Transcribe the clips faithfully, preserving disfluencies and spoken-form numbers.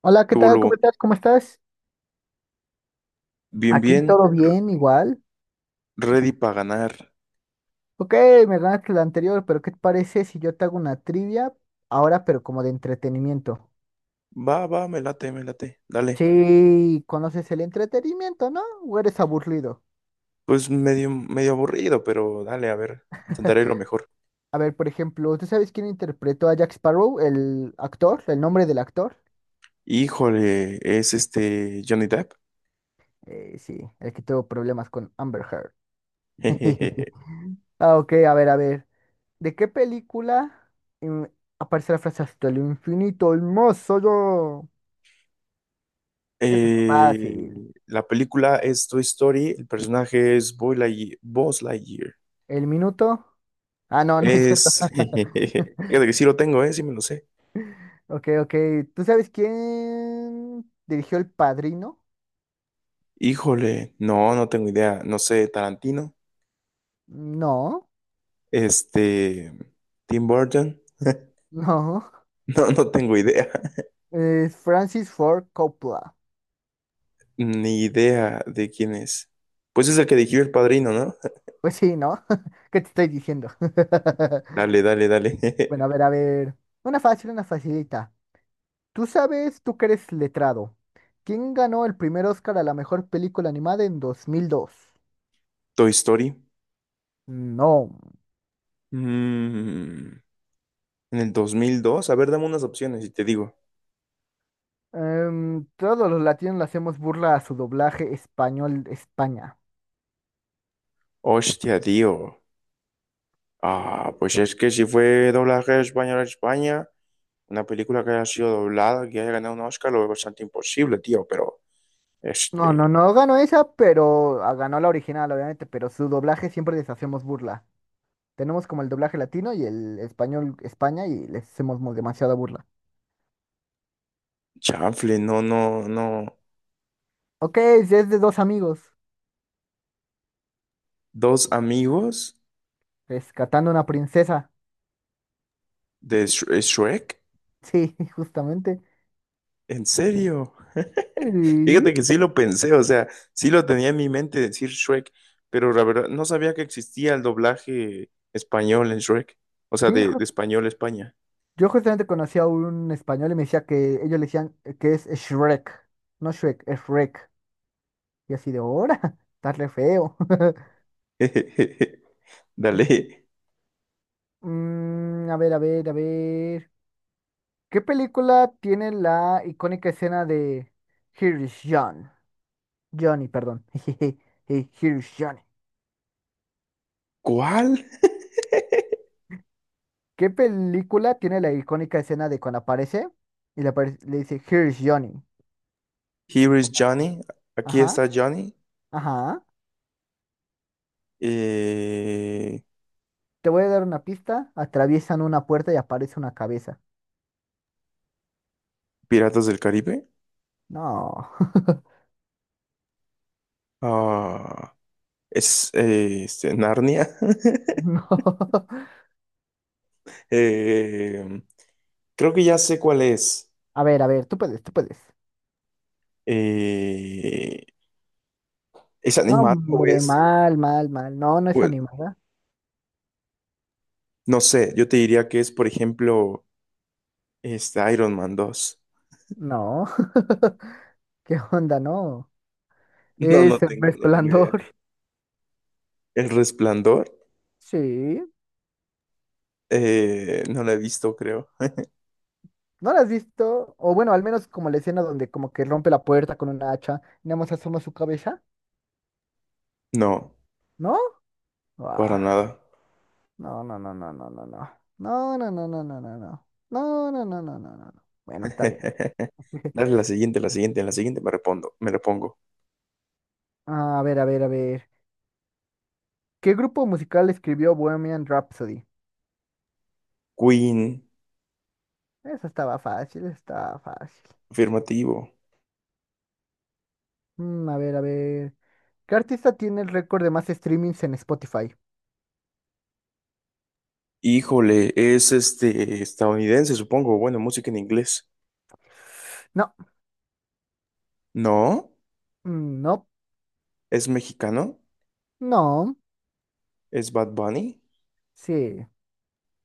Hola, ¿qué Luego, tal? ¿Cómo luego, estás? ¿Cómo estás? bien, Aquí bien, todo re- bien, igual. ready para ganar. Ok, me ganaste la anterior, pero ¿qué te parece si yo te hago una trivia ahora, pero como de entretenimiento? Va, va, me late, me late, dale. Sí, conoces el entretenimiento, ¿no? ¿O eres aburrido? Pues medio, medio aburrido, pero dale, a ver, intentaré lo mejor. A ver, por ejemplo, ¿tú sabes quién interpretó a Jack Sparrow, el actor, el nombre del actor? Híjole, es este Johnny Depp. Eh, sí, el que tuvo problemas con Amber Heard. Ah, ok, a ver, a ver. ¿De qué película mm, aparece la frase hasta el infinito, el más allá? Eso está Eh, fácil. La película es Toy Story, el personaje es Boy Lightyear, Buzz Lightyear. ¿El minuto? Ah, no, no es cierto. Es, jejeje. fíjate que sí lo tengo, eh, sí me lo sé. Ok, ok. ¿Tú sabes quién dirigió El Padrino? Híjole, no, no tengo idea, no sé, Tarantino, No, este, Tim Burton, no. no, no tengo idea. Es Francis Ford Coppola. Ni idea de quién es. Pues es el que dirigió El Padrino, ¿no? Pues sí, ¿no? ¿Qué te estoy diciendo? Dale, dale, dale. Bueno, a ver, a ver. Una fácil, una facilita. Tú sabes, tú que eres letrado. ¿Quién ganó el primer Oscar a la mejor película animada en dos mil dos? Toy Story. No. Mm, en el dos mil dos. A ver, dame unas opciones y te digo. Em, todos los latinos le hacemos burla a su doblaje español de España. Hostia, tío. Ah, pues es que si fue doblaje español a España, una película que haya sido doblada, que haya ganado un Oscar, lo veo bastante imposible, tío. Pero, No, no, este, no ganó esa, pero ah, ganó la original, obviamente, pero su doblaje siempre les hacemos burla. Tenemos como el doblaje latino y el español España y les hacemos mo- demasiada burla. chanfle, no, no, no. Ok, es de dos amigos Dos amigos rescatando una princesa. de Sh- Shrek. Sí, justamente. ¿En serio? Sí, Fíjate que sí lo pensé, o sea, sí lo tenía en mi mente decir Shrek, pero la verdad no sabía que existía el doblaje español en Shrek, o sea, sí, de, de ju- español a España. yo justamente conocí a un español y me decía que ellos le decían eh, que es Shrek, no Shrek, es Shrek. Y así de, ahora, está re feo. Dale. Mm, a ver, a ver, a ver. ¿Qué película tiene la icónica escena de Here is John? Johnny, perdón. Jejeje, eh, Here is Johnny. ¿Cuál? ¿Qué película tiene la icónica escena de cuando aparece y le, apare- le dice Here is Johnny? Here is Como, Johnny. Aquí ajá, está Johnny. ajá. Eh, Te voy a dar una pista. Atraviesan una puerta y aparece una cabeza. Piratas del Caribe. No, Ah, es eh, este, Narnia. no. Eh, Creo que ya sé cuál es. A ver, a ver, tú puedes, tú puedes. Eh, ¿Es No, animado o hombre, es? mal, mal, mal. No, no es Bueno, animada. no sé, yo te diría que es, por ejemplo, este Iron Man dos. No. ¿Qué onda? No. No, no Es el tengo, no tengo idea. resplandor. El Resplandor, Sí, eh, no la he visto, creo. ¿no la has visto? O bueno, al menos como la escena donde como que rompe la puerta con una hacha y nada más asoma su cabeza, No, ¿no? para Ah, nada. no, no, no, no, no, no, no. No, no, no, no, no, no, no. No, no, no, no, no, no. No. Bueno, está bien. Dale la siguiente, la siguiente, en la siguiente me repondo, me repongo. A ver, a ver, a ver. ¿Qué grupo musical escribió Bohemian Rhapsody? Queen, Eso estaba fácil, estaba fácil. afirmativo. Mm, a ver, a ver. ¿Qué artista tiene el récord de más streamings en Spotify? Híjole, es este estadounidense, supongo. Bueno, música en inglés. No, No, mm, no, es mexicano, no, es Bad Bunny. sí.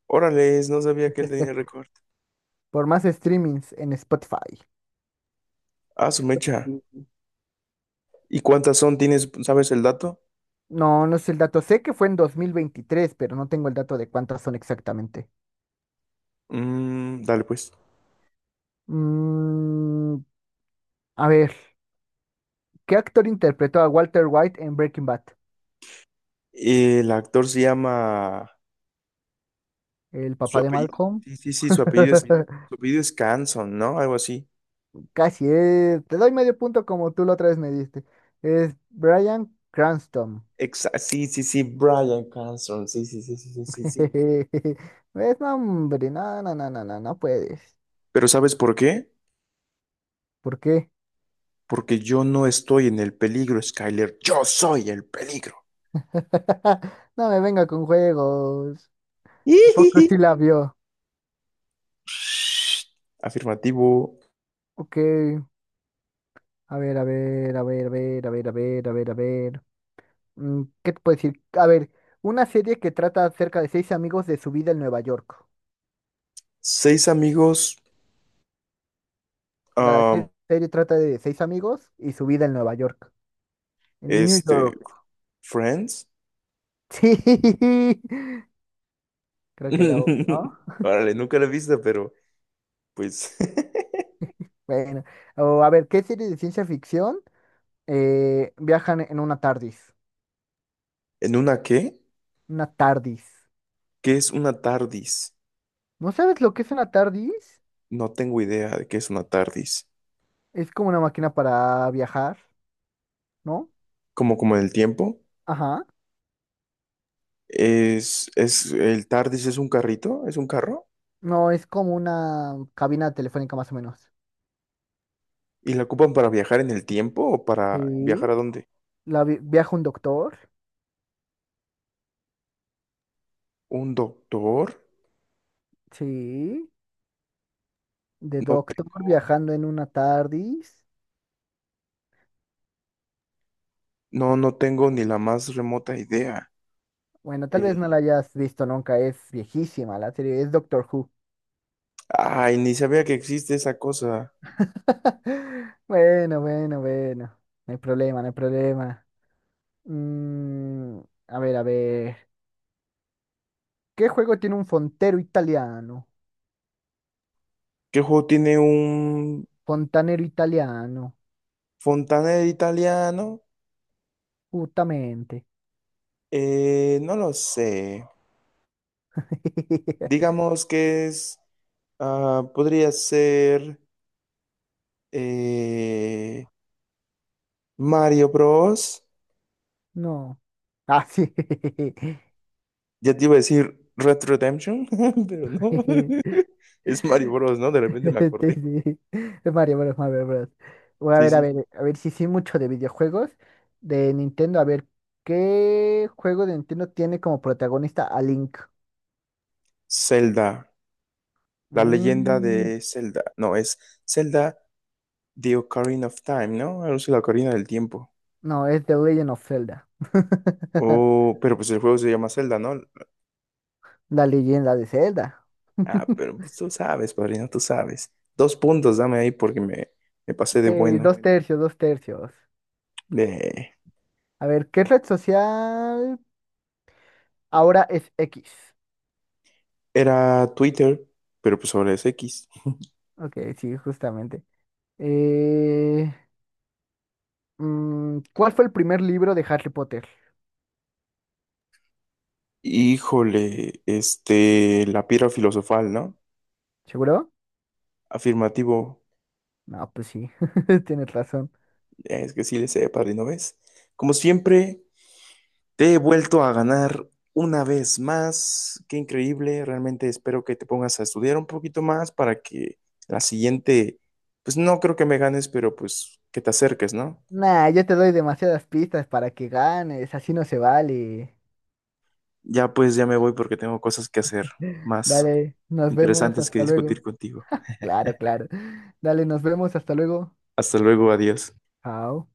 Órale, no sabía que él tenía récord. Por más streamings en Spotify. Ah, su mecha. Spotify. ¿Y cuántas son? ¿Tienes, sabes el dato? No, no sé el dato. Sé que fue en dos mil veintitrés, pero no tengo el dato de cuántas son exactamente. Mm, dale pues. Mm, a ver, ¿qué actor interpretó a Walter White en Breaking Bad? El actor se llama... ¿El Su papá de apellido. Malcolm? Sí, sí, sí, su apellido Lo es, mismo. su apellido es Canson, ¿no? Algo así. Casi, eh, te doy medio punto como tú la otra vez me diste. Es Bryan Cranston. Exa- sí, sí, sí, Brian Cranston. Sí, sí, sí, sí, sí, sí, sí. ¿Ves? No, hombre, no, no, no, no, no, no puedes. Pero ¿sabes por qué? ¿Por qué? Porque yo no estoy en el peligro, Skyler. Yo soy el peligro. No me venga con juegos. ¿A poco Ijiji. sí la vio? Shh. Afirmativo. Ok, a ver, a ver, a ver, a ver, a ver, a ver, a ver, a ver. Mm, ¿qué te puedo decir? A ver, una serie que trata acerca de seis amigos de su vida en Nueva York. Seis amigos. La ah, se- serie trata de seis amigos y su vida en Nueva York. En New este. York. Friends. Sí, creo que era obvio, ¿no? Órale, nunca la he visto, pero pues. Bueno, o a ver, ¿qué serie de ciencia ficción eh, viajan en una TARDIS? ¿En una qué? Una TARDIS. ¿Qué es una TARDIS? ¿No sabes lo que es una TARDIS? No tengo idea de qué es una TARDIS. Es como una máquina para viajar, ¿no? Como como en el tiempo, Ajá. es es el TARDIS es un carrito, es un carro No, es como una cabina telefónica más o menos. y la ocupan para viajar en el tiempo o para Sí. viajar a dónde? La vi- viaja un doctor. ¿Un doctor? Sí. De No doctor tengo viajando en una TARDIS. no no tengo ni la más remota idea. Bueno, tal vez no la Eh, hayas visto nunca, es viejísima la serie, es Doctor Who. Ay, ni sabía que existe esa cosa. Bueno, bueno, bueno. No hay problema, no hay problema. Mm, a ver, a ver. ¿Qué juego tiene un fontero italiano? ¿Qué juego tiene un Fontanero italiano, fontanero italiano? justamente. Eh, no lo sé. Digamos que es ah, podría ser eh, Mario Bros. No. Ah, sí. Ya te iba a decir Red Redemption, pero no. Jeje. Es Mario Bros, ¿no? De repente me acordé. Sí, sí. Mario Bros, Mario Bros. Voy a Sí, ver, a sí. ver, a ver si sí mucho de videojuegos de Nintendo. A ver, ¿qué juego de Nintendo tiene como protagonista a Link? Zelda, la leyenda Mm, de Zelda. No, es Zelda The Ocarina of Time, ¿no? Algo así, la Ocarina del Tiempo. no, es The Legend of Zelda. Oh, pero pues el juego se llama Zelda, ¿no? La leyenda de Zelda. Ah, pero pues tú sabes, padrino, tú sabes. Dos puntos, dame ahí porque me, me pasé Ok, de dos, bueno. bueno, tercios, dos tercios. De... A ver, ¿qué red social ahora es X? Era Twitter, pero pues ahora es X. Ok, sí, justamente. Eh, Mm, ¿cuál fue el primer libro de Harry Potter? Híjole, este, la piedra filosofal, ¿no? ¿Seguro? Afirmativo, No, pues sí, tienes razón. es que sí le sé, padrino, ¿ves? Como siempre, te he vuelto a ganar una vez más. Qué increíble, realmente espero que te pongas a estudiar un poquito más para que la siguiente, pues no creo que me ganes, pero pues que te acerques, ¿no? Nah, yo te doy demasiadas pistas para que ganes, así no se vale. Ya pues ya me voy porque tengo cosas que hacer más Dale, nos vemos, interesantes que hasta luego. discutir contigo. Claro, claro. Dale, nos vemos, hasta luego. Hasta luego, adiós. Chao.